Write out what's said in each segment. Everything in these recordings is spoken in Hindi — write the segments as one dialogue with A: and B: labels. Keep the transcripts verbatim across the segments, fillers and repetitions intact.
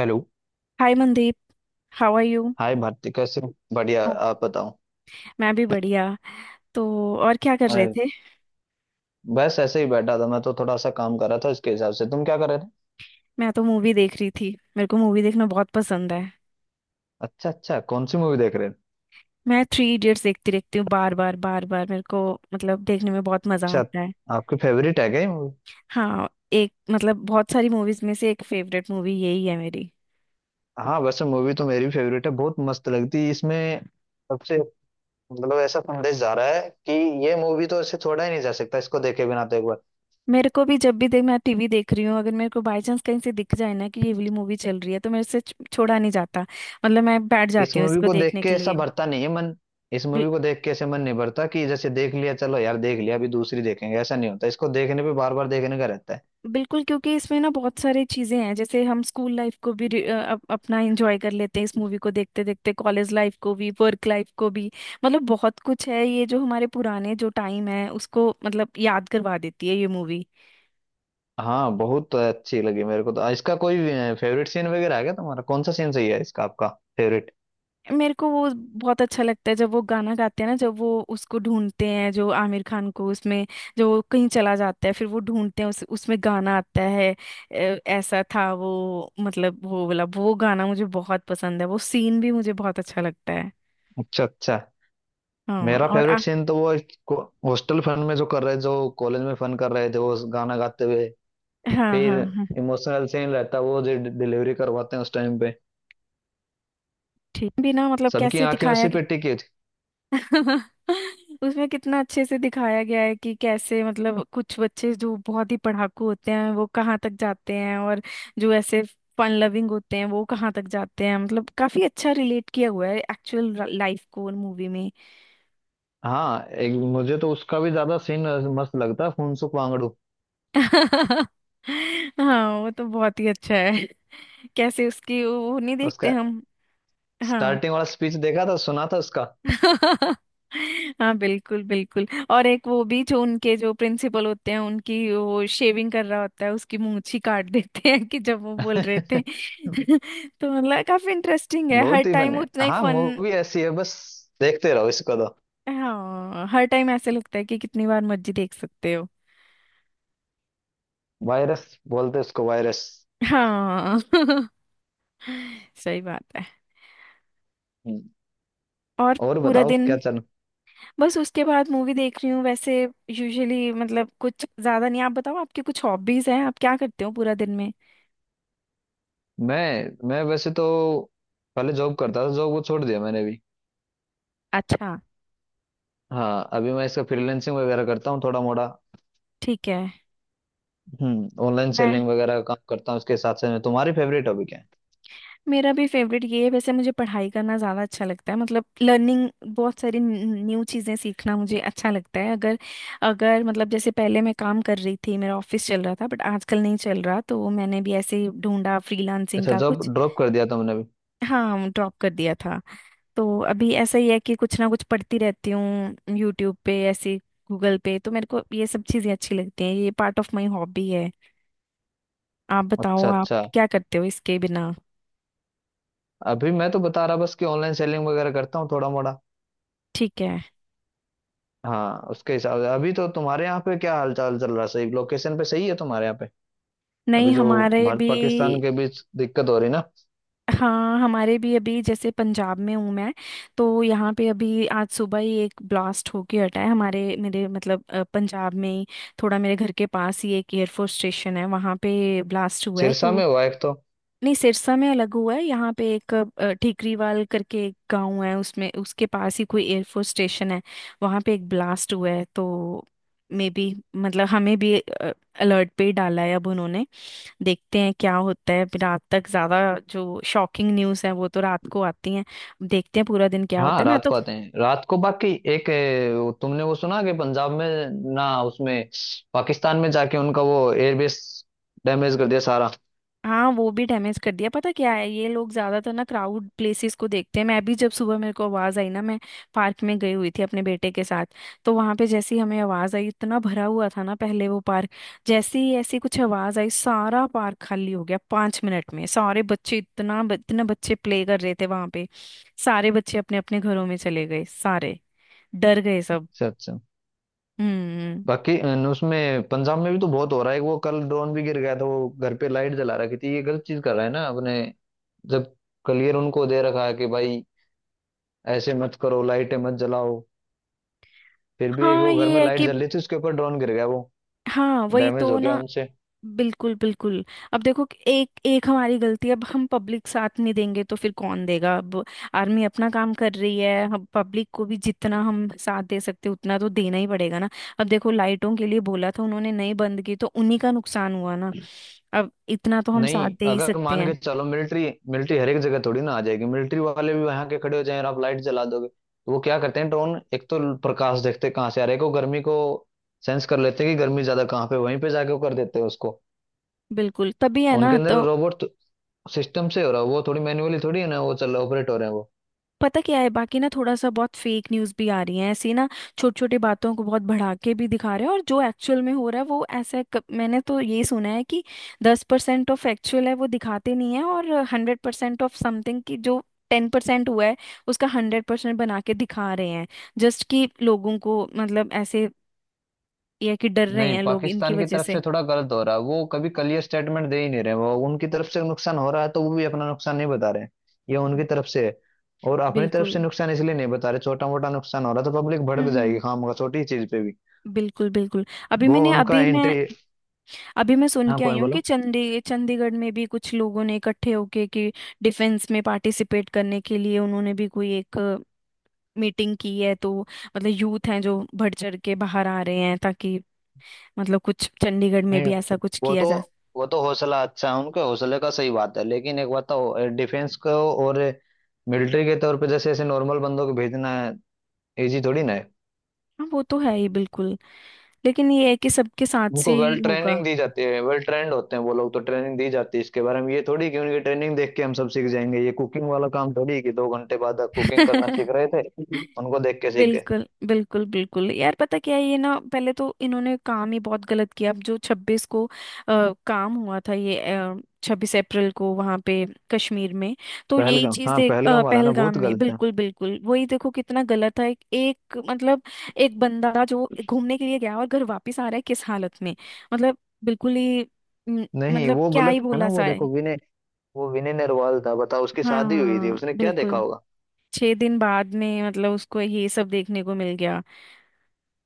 A: Hello.
B: Hi Mandeep. How are you?
A: Hi Bharati, कैसे हो? बढ़िया।
B: ओह,
A: आप बताओ।
B: मैं भी बढ़िया। तो और क्या कर रहे
A: अरे,
B: थे?
A: बस ऐसे ही बैठा था। मैं तो थोड़ा सा काम कर रहा था। इसके हिसाब से तुम क्या कर रहे थे?
B: मैं तो मूवी देख रही थी। मेरे को मूवी देखना बहुत पसंद है।
A: अच्छा अच्छा, कौन सी मूवी देख रहे हैं?
B: मैं थ्री इडियट्स देखती रहती हूँ बार बार बार बार। मेरे को मतलब देखने में बहुत मजा
A: अच्छा,
B: आता है।
A: आपकी फेवरेट है क्या ये मूवी?
B: हाँ, एक मतलब बहुत सारी मूवीज में से एक फेवरेट मूवी यही है मेरी।
A: हाँ, वैसे मूवी तो मेरी फेवरेट है। बहुत मस्त लगती है इसमें सबसे, मतलब, ऐसा संदेश जा रहा है कि ये मूवी तो ऐसे छोड़ा ही नहीं जा सकता। इसको देखे बिना तो एक बार।
B: मेरे को भी जब भी देख, मैं टीवी देख रही हूँ, अगर मेरे को बाय चांस कहीं से दिख जाए ना कि ये वाली मूवी चल रही है तो मेरे से छ- छोड़ा नहीं जाता। मतलब मैं बैठ
A: इस
B: जाती हूँ
A: मूवी
B: इसको
A: को देख
B: देखने
A: के
B: के
A: ऐसा
B: लिए।
A: भरता नहीं है मन। इस मूवी को देख के ऐसे मन नहीं भरता कि जैसे देख लिया, चलो यार देख लिया, अभी दूसरी देखेंगे, ऐसा नहीं होता। इसको देखने पे बार बार देखने का रहता है।
B: बिल्कुल, क्योंकि इसमें ना बहुत सारी चीजें हैं। जैसे हम स्कूल लाइफ को भी रि- अ, अप, अपना एंजॉय कर लेते हैं इस मूवी को देखते देखते, कॉलेज लाइफ को भी, वर्क लाइफ को भी। मतलब बहुत कुछ है। ये जो हमारे पुराने जो टाइम है उसको मतलब याद करवा देती है ये मूवी।
A: हाँ, बहुत अच्छी लगी मेरे को तो। इसका कोई फेवरेट सीन वगैरह है क्या तुम्हारा? कौन सा सीन सही है इसका, आपका फेवरेट?
B: मेरे को वो बहुत अच्छा लगता है जब वो गाना गाते हैं ना, जब वो उसको ढूंढते हैं, जो आमिर खान को उसमें, जो वो कहीं चला जाता है, फिर वो ढूंढते हैं, उस उसमें गाना आता है। अ, ऐसा था वो, मतलब वो वाला वो गाना मुझे बहुत पसंद है, वो सीन भी मुझे बहुत अच्छा लगता है।
A: अच्छा अच्छा।
B: हाँ
A: मेरा
B: और
A: फेवरेट
B: आ,
A: सीन तो वो हॉस्टल फन में जो कर रहे, जो कॉलेज में फन कर रहे थे वो गाना गाते हुए।
B: हाँ, हाँ,
A: फिर
B: हाँ।
A: इमोशनल सीन रहता वो जो डिलीवरी करवाते हैं उस टाइम पे।
B: ठीक भी ना, मतलब
A: सबकी
B: कैसे
A: आंखें
B: दिखाया
A: उसी
B: गया।
A: पे टिकी थी।
B: उसमें कितना अच्छे से दिखाया गया है कि कैसे, मतलब कुछ बच्चे जो बहुत ही पढ़ाकू होते हैं वो कहाँ तक जाते हैं, और जो ऐसे फन लविंग होते हैं वो कहाँ तक जाते हैं। मतलब काफी अच्छा रिलेट किया हुआ है एक्चुअल लाइफ को मूवी में।
A: हाँ, एक मुझे तो उसका भी ज्यादा सीन मस्त लगता है, फुनसुक वांगडू।
B: हाँ, वो तो बहुत ही अच्छा है। कैसे उसकी वो वो नहीं देखते
A: उसका
B: हम। हाँ।
A: स्टार्टिंग वाला स्पीच देखा था, सुना था उसका।
B: हाँ, बिल्कुल बिल्कुल। और एक वो भी, जो उनके जो प्रिंसिपल होते हैं उनकी वो शेविंग कर रहा होता है, उसकी मूंछ ही काट देते हैं कि जब वो बोल रहे थे। तो मतलब काफी इंटरेस्टिंग है, हर
A: बहुत ही
B: टाइम
A: बने।
B: उतना ही
A: हाँ,
B: फन।
A: मूवी ऐसी है बस, देखते रहो इसको तो।
B: हाँ, हर टाइम ऐसे लगता है कि कितनी बार मर्जी देख सकते हो।
A: वायरस बोलते हैं उसको, वायरस।
B: हाँ। सही बात है।
A: हम्म,
B: और
A: और
B: पूरा
A: बताओ क्या
B: दिन
A: चल।
B: बस उसके बाद मूवी देख रही हूँ वैसे। यूजुअली मतलब कुछ ज्यादा नहीं। आप बताओ, आपकी कुछ हॉबीज हैं? आप क्या करते हो पूरा दिन में?
A: मैं मैं वैसे तो पहले जॉब करता था, जॉब को छोड़ दिया मैंने भी।
B: अच्छा,
A: हाँ, अभी मैं इसका फ्रीलांसिंग वगैरह करता हूँ थोड़ा मोड़ा।
B: ठीक है।
A: हम्म ऑनलाइन
B: मैं
A: सेलिंग वगैरह का काम करता हूँ इसके साथ साथ में। तुम्हारी फेवरेट टॉपिक है?
B: मेरा भी फेवरेट ये है। वैसे मुझे पढ़ाई करना ज़्यादा अच्छा लगता है, मतलब लर्निंग। बहुत सारी न्यू चीज़ें सीखना मुझे अच्छा लगता है। अगर अगर मतलब जैसे पहले मैं काम कर रही थी, मेरा ऑफिस चल रहा था, बट आजकल नहीं चल रहा, तो मैंने भी ऐसे ही ढूंढा फ्रीलांसिंग
A: अच्छा,
B: का
A: जॉब
B: कुछ।
A: ड्रॉप कर दिया तुमने भी।
B: हाँ, ड्रॉप कर दिया था। तो अभी ऐसा ही है कि कुछ ना कुछ पढ़ती रहती हूँ यूट्यूब पे, ऐसे गूगल पे। तो मेरे को ये सब चीज़ें अच्छी लगती हैं, ये पार्ट ऑफ माई हॉबी है। आप बताओ
A: अच्छा
B: आप
A: अच्छा,
B: क्या करते हो इसके बिना?
A: अभी मैं तो बता रहा बस कि ऑनलाइन सेलिंग वगैरह करता हूँ थोड़ा मोड़ा।
B: ठीक है।
A: हाँ, उसके हिसाब से। अभी तो तुम्हारे यहाँ पे क्या हालचाल चल रहा है? सही लोकेशन पे सही है तुम्हारे यहाँ पे?
B: नहीं,
A: अभी जो
B: हमारे
A: भारत
B: भी।
A: पाकिस्तान के बीच दिक्कत हो रही ना।
B: हाँ, हमारे भी अभी, जैसे पंजाब में हूँ मैं। तो यहाँ पे अभी आज सुबह ही एक ब्लास्ट होके हटा है, हमारे मेरे मतलब अ, पंजाब में ही। थोड़ा मेरे घर के पास ही एक एयरफोर्स स्टेशन है, वहाँ पे ब्लास्ट हुआ है
A: सिरसा
B: तो।
A: में हुआ एक तो।
B: नहीं, सिरसा में अलग हुआ है। यहाँ पे एक अ, ठीकरीवाल करके एक गाँव है, उसमें उसके पास ही कोई एयरफोर्स स्टेशन है। वहाँ पे एक ब्लास्ट हुआ है तो। मे बी मतलब हमें भी अलर्ट पे ही डाला है अब उन्होंने। देखते हैं क्या होता है फिर रात तक ज्यादा। जो शॉकिंग न्यूज है वो तो रात को आती है। अब देखते हैं पूरा दिन क्या होता
A: हाँ,
B: है मैं
A: रात
B: तो।
A: को आते हैं रात को बाकी। एक ए, वो तुमने वो सुना कि पंजाब में ना, उसमें पाकिस्तान में जाके उनका वो एयरबेस डैमेज कर दिया सारा।
B: हाँ, वो भी डैमेज कर दिया। पता क्या है, ये लोग ज्यादातर ना क्राउड प्लेसेस को देखते हैं। मैं भी जब सुबह मेरे को आवाज आई ना, मैं पार्क में गई हुई थी अपने बेटे के साथ। तो वहां पे जैसे ही हमें आवाज आई, इतना भरा हुआ था ना पहले वो पार्क। जैसे ही ऐसी कुछ आवाज आई, सारा पार्क खाली हो गया पांच मिनट में। सारे बच्चे इतना इतने बच्चे प्ले कर रहे थे वहां पे, सारे बच्चे अपने अपने घरों में चले गए, सारे डर गए सब।
A: अच्छा अच्छा।
B: हम्म।
A: बाकी अन, उसमें पंजाब में भी तो बहुत हो रहा है। वो कल ड्रोन भी गिर गया था, वो घर पे लाइट जला रखी थी। ये गलत चीज कर रहा है ना अपने। जब क्लियर उनको दे रखा है कि भाई ऐसे मत करो, लाइटें मत जलाओ, फिर भी एक
B: हाँ,
A: वो घर में
B: ये है
A: लाइट
B: कि,
A: जल रही थी, उसके ऊपर ड्रोन गिर गया वो।
B: हाँ वही
A: डैमेज
B: तो
A: हो गया
B: ना।
A: उनसे।
B: बिल्कुल बिल्कुल। अब देखो कि एक एक हमारी गलती है। अब हम पब्लिक साथ नहीं देंगे तो फिर कौन देगा अब? आर्मी अपना काम कर रही है, हम पब्लिक को भी जितना हम साथ दे सकते हैं उतना तो देना ही पड़ेगा ना। अब देखो, लाइटों के लिए बोला था, उन्होंने नहीं बंद की तो उन्हीं का नुकसान हुआ ना। अब इतना तो हम साथ
A: नहीं,
B: दे ही
A: अगर
B: सकते
A: मान
B: हैं।
A: के चलो मिलिट्री मिलिट्री हर एक जगह थोड़ी ना आ जाएगी। मिलिट्री वाले भी वहां के खड़े हो जाएं और आप लाइट जला दोगे तो वो क्या करते हैं? ड्रोन एक तो प्रकाश देखते हैं कहाँ से आ रहा है, को गर्मी को सेंस कर लेते हैं कि गर्मी ज्यादा कहाँ पे, वहीं पे जाके वो कर देते हैं उसको।
B: बिल्कुल, तभी है
A: उनके
B: ना
A: अंदर
B: तो।
A: रोबोट सिस्टम से हो रहा है वो, थोड़ी मैन्युअली थोड़ी है ना, वो चल ऑपरेट हो रहे हैं वो।
B: पता क्या है, बाकी ना थोड़ा सा बहुत फेक न्यूज़ भी आ रही है ऐसी ना। छोटी छोटी बातों को बहुत बढ़ा के भी दिखा रहे हैं, और जो एक्चुअल में हो रहा है वो ऐसा क- मैंने तो ये सुना है कि दस परसेंट ऑफ एक्चुअल है वो दिखाते नहीं है, और हंड्रेड परसेंट ऑफ समथिंग की जो टेन परसेंट हुआ है उसका हंड्रेड परसेंट बना के दिखा रहे हैं। जस्ट कि लोगों को मतलब ऐसे ये है कि डर रहे
A: नहीं,
B: हैं लोग इनकी
A: पाकिस्तान की
B: वजह
A: तरफ
B: से।
A: से थोड़ा गलत हो रहा है। वो कभी क्लियर स्टेटमेंट दे ही नहीं रहे। वो उनकी तरफ से नुकसान हो रहा है तो वो भी अपना नुकसान नहीं बता रहे। ये उनकी तरफ से है। और अपनी तरफ
B: बिल्कुल।
A: से नुकसान इसलिए नहीं बता रहे, छोटा मोटा नुकसान हो रहा है तो पब्लिक भड़क जाएगी
B: हम्म।
A: खाम का, छोटी चीज पे भी।
B: बिल्कुल बिल्कुल। अभी
A: वो
B: मैंने
A: उनका
B: अभी मैं
A: एंट्री।
B: अभी मैं सुन
A: हाँ,
B: के आई
A: कौन
B: हूँ कि
A: बोलो।
B: चंडी चंडीगढ़ में भी कुछ लोगों ने इकट्ठे होके, कि डिफेंस में पार्टिसिपेट करने के लिए उन्होंने भी कोई एक मीटिंग की है तो। मतलब यूथ हैं जो बढ़ चढ़ के बाहर आ रहे हैं, ताकि मतलब कुछ चंडीगढ़ में
A: नहीं,
B: भी ऐसा कुछ
A: वो
B: किया
A: तो
B: जाए।
A: वो तो हौसला अच्छा है, उनके हौसले का सही बात है। लेकिन एक बात तो डिफेंस को और मिलिट्री के तौर पे जैसे ऐसे नॉर्मल बंदों को भेजना इजी थोड़ी ना है।
B: हाँ, वो तो है ही बिल्कुल। लेकिन ये है कि सबके साथ से
A: उनको
B: ही
A: वेल ट्रेनिंग
B: होगा।
A: दी जाती है, वेल ट्रेंड होते हैं वो लोग तो। ट्रेनिंग दी जाती है इसके बारे में, ये थोड़ी कि उनकी ट्रेनिंग देख के हम सब सीख जाएंगे। ये कुकिंग वाला काम थोड़ी कि दो घंटे बाद कुकिंग करना सीख रहे थे, उनको देख के सीख गए।
B: बिल्कुल बिल्कुल बिल्कुल यार, पता क्या है ये ना, पहले तो इन्होंने काम ही बहुत गलत किया। अब जो छब्बीस को अ, काम हुआ था, ये छब्बीस अप्रैल को वहां पे कश्मीर में, तो यही
A: पहलगाम।
B: चीज
A: हाँ,
B: देख अ,
A: पहलगाम वाला ना
B: पहलगाम
A: बहुत
B: में,
A: गलत है।
B: बिल्कुल बिल्कुल वही। देखो कितना गलत है, एक मतलब एक बंदा जो घूमने के लिए गया और घर वापस आ रहा है किस हालत में। मतलब बिल्कुल ही म,
A: नहीं,
B: मतलब
A: वो
B: क्या
A: गलत
B: ही
A: था ना।
B: बोला
A: वो
B: सा
A: देखो
B: है।
A: विनय। वो विनय नरवाल था, बताओ। उसकी शादी हुई थी,
B: हाँ,
A: उसने क्या देखा
B: बिल्कुल।
A: होगा।
B: छह दिन बाद में मतलब उसको ये सब देखने को मिल गया।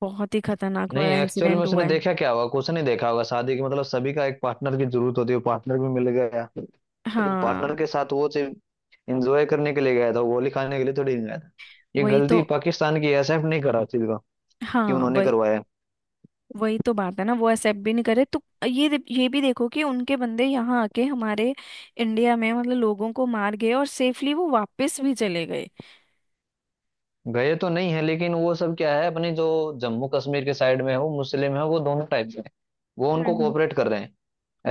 B: बहुत ही खतरनाक
A: नहीं,
B: वाला
A: एक्चुअल में
B: इंसिडेंट
A: उसने
B: हुआ है।
A: देखा क्या होगा? कुछ नहीं देखा होगा। शादी की, मतलब सभी का एक पार्टनर की जरूरत होती है, पार्टनर भी मिल गया। लेकिन
B: हाँ
A: पार्टनर के साथ वो सिर्फ इंजॉय करने के लिए गया था, गोली खाने के लिए थोड़ी गया था। ये
B: वही
A: गलती
B: तो
A: पाकिस्तान की, एस एफ नहीं करा चीज का कि
B: हाँ
A: उन्होंने
B: वही
A: करवाया।
B: वही तो बात है ना, वो एक्सेप्ट भी नहीं करे तो। ये दे- ये भी देखो कि उनके बंदे यहाँ आके हमारे इंडिया में मतलब लोगों को मार गए और सेफली वो वापस भी चले गए।
A: गए तो नहीं है, लेकिन वो सब क्या है अपनी जो जम्मू कश्मीर के साइड में हो मुस्लिम है, वो दोनों टाइप के हैं, वो
B: हम्म
A: उनको
B: हम्म।
A: कोऑपरेट कर रहे हैं।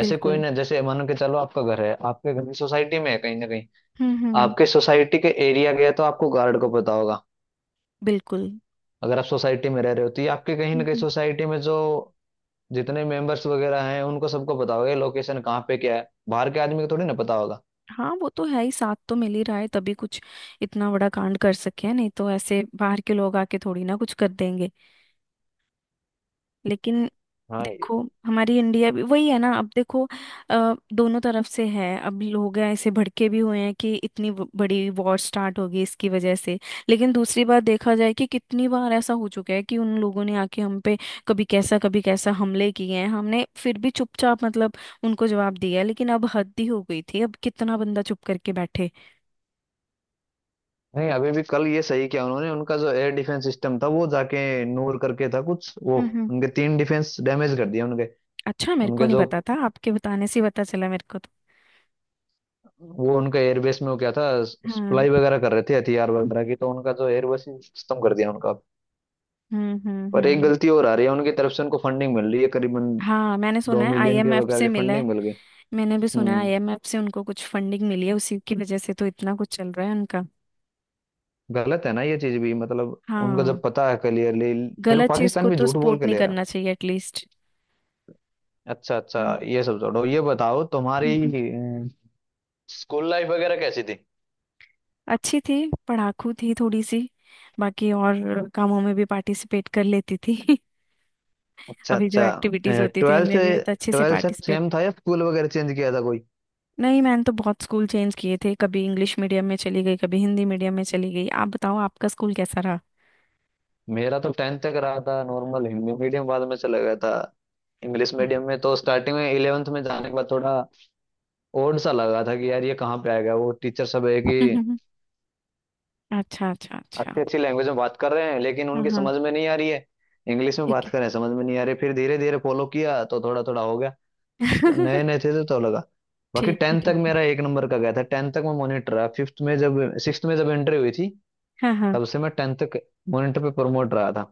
A: ऐसे कोई
B: बिल्कुल।
A: ना, जैसे मान के चलो आपका घर है, आपके घर की सोसाइटी में है कहीं ना कहीं।
B: हम्म हम्म।
A: आपके सोसाइटी के एरिया गया तो आपको गार्ड को पता होगा।
B: बिल्कुल।
A: अगर आप सोसाइटी में रह रहे हो तो ये आपके कहीं ना
B: हम्म
A: कहीं
B: हम्म।
A: सोसाइटी में जो जितने मेंबर्स वगैरह हैं, उनको सबको पता होगा लोकेशन कहाँ पे क्या है। बाहर के आदमी को थोड़ी ना पता होगा।
B: हाँ, वो तो है ही, साथ तो मिल ही रहा है तभी कुछ इतना बड़ा कांड कर सके हैं। नहीं तो ऐसे बाहर के लोग आके थोड़ी ना कुछ कर देंगे। लेकिन
A: हाँ ये।
B: देखो, हमारी इंडिया भी वही है ना। अब देखो अ, दोनों तरफ से है, अब लोग हैं ऐसे भड़के भी हुए हैं कि इतनी ब- बड़ी वॉर स्टार्ट होगी इसकी वजह से। लेकिन दूसरी बात देखा जाए कि कितनी बार ऐसा हो चुका है कि उन लोगों ने आके हम पे कभी कैसा कभी कैसा हमले किए हैं, हमने फिर भी चुपचाप मतलब उनको जवाब दिया है। लेकिन अब हद ही हो गई थी, अब कितना बंदा चुप करके बैठे?
A: नहीं, अभी भी कल ये सही किया उन्होंने। उनका जो एयर डिफेंस सिस्टम था वो जाके, नूर करके था कुछ वो,
B: हम्म हम्म।
A: उनके तीन डिफेंस डैमेज कर दिए उनके।
B: अच्छा, मेरे को
A: उनके
B: नहीं
A: जो
B: पता था, आपके बताने से ही पता चला मेरे को तो।
A: वो उनका एयरबेस में वो क्या था,
B: हम्म
A: सप्लाई वगैरह कर रहे थे हथियार वगैरह की, तो उनका जो एयरबेस सिस्टम कर दिया उनका।
B: हम्म हम्म
A: पर एक
B: हम्म।
A: गलती और आ रही है उनकी तरफ से। उनको फंडिंग मिल रही है करीबन
B: हाँ, मैंने सुना
A: दो
B: है
A: मिलियन के
B: आई एम एफ
A: वगैरह
B: से
A: की,
B: मिला है।
A: फंडिंग मिल गई।
B: मैंने भी सुना है
A: हम्म
B: आई एम एफ से उनको कुछ फंडिंग मिली है, उसी की वजह से तो इतना कुछ चल रहा है उनका।
A: गलत है ना ये चीज भी, मतलब। उनको
B: हाँ,
A: जब पता है क्लियरली। फिर
B: गलत चीज
A: पाकिस्तान
B: को
A: भी
B: तो
A: झूठ बोल
B: सपोर्ट
A: के
B: नहीं
A: ले रहा।
B: करना चाहिए एटलीस्ट।
A: अच्छा अच्छा, ये सब छोड़ो। ये बताओ तुम्हारी
B: हम्म।
A: स्कूल लाइफ वगैरह कैसी थी।
B: अच्छी थी, पढ़ाकू थी थोड़ी सी। बाकी और कामों में भी पार्टिसिपेट कर लेती थी।
A: अच्छा
B: अभी जो
A: अच्छा।
B: एक्टिविटीज होती थी
A: ट्वेल्थ
B: उनमें
A: से
B: भी मैं तो अच्छे से
A: ट्वेल्थ तक
B: पार्टिसिपेट।
A: सेम था या स्कूल वगैरह चेंज किया था कोई?
B: नहीं, मैंने तो बहुत स्कूल चेंज किए थे। कभी इंग्लिश मीडियम में चली गई, कभी हिंदी मीडियम में चली गई। आप बताओ, आपका स्कूल कैसा रहा?
A: मेरा तो टेंथ तक रहा था नॉर्मल हिंदी मीडियम, बाद में चला गया था इंग्लिश मीडियम में। तो स्टार्टिंग में इलेवेंथ में जाने के बाद थोड़ा ओड सा लगा था कि यार ये कहाँ पे आएगा। वो टीचर सब है कि
B: अच्छा अच्छा अच्छा।
A: अच्छी अच्छी लैंग्वेज में बात कर रहे हैं लेकिन
B: हाँ
A: उनकी
B: हाँ,
A: समझ में नहीं आ रही है। इंग्लिश में
B: ठीक
A: बात
B: है।
A: कर रहे हैं, समझ में नहीं आ रही। फिर धीरे धीरे फॉलो किया तो थोड़ा थोड़ा हो गया। नए नए थे तो तो लगा। बाकी
B: ठीक है
A: टेंथ तक
B: ठीक है।
A: मेरा एक नंबर का गया था। टेंथ तक मैं मॉनिटर रहा। फिफ्थ में जब सिक्स्थ में जब एंट्री हुई थी,
B: हाँ हाँ।
A: तब से मैं टेंथ तक मॉनिटर पे प्रमोट रहा था।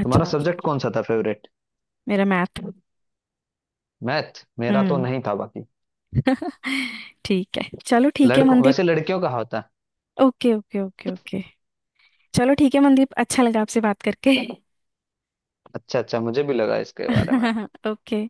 B: अच्छा
A: तुम्हारा
B: अच्छा।
A: सब्जेक्ट कौन सा था फेवरेट?
B: मेरा मैथ।
A: मैथ मेरा तो
B: हम्म।
A: नहीं था बाकी,
B: ठीक है, चलो ठीक है
A: लड़कों
B: मनदीप।
A: वैसे लड़कियों का होता है।
B: Okay okay okay okay. चलो ठीक है मनदीप, अच्छा लगा आपसे बात करके।
A: अच्छा अच्छा, मुझे भी लगा इसके बारे में।
B: ओके।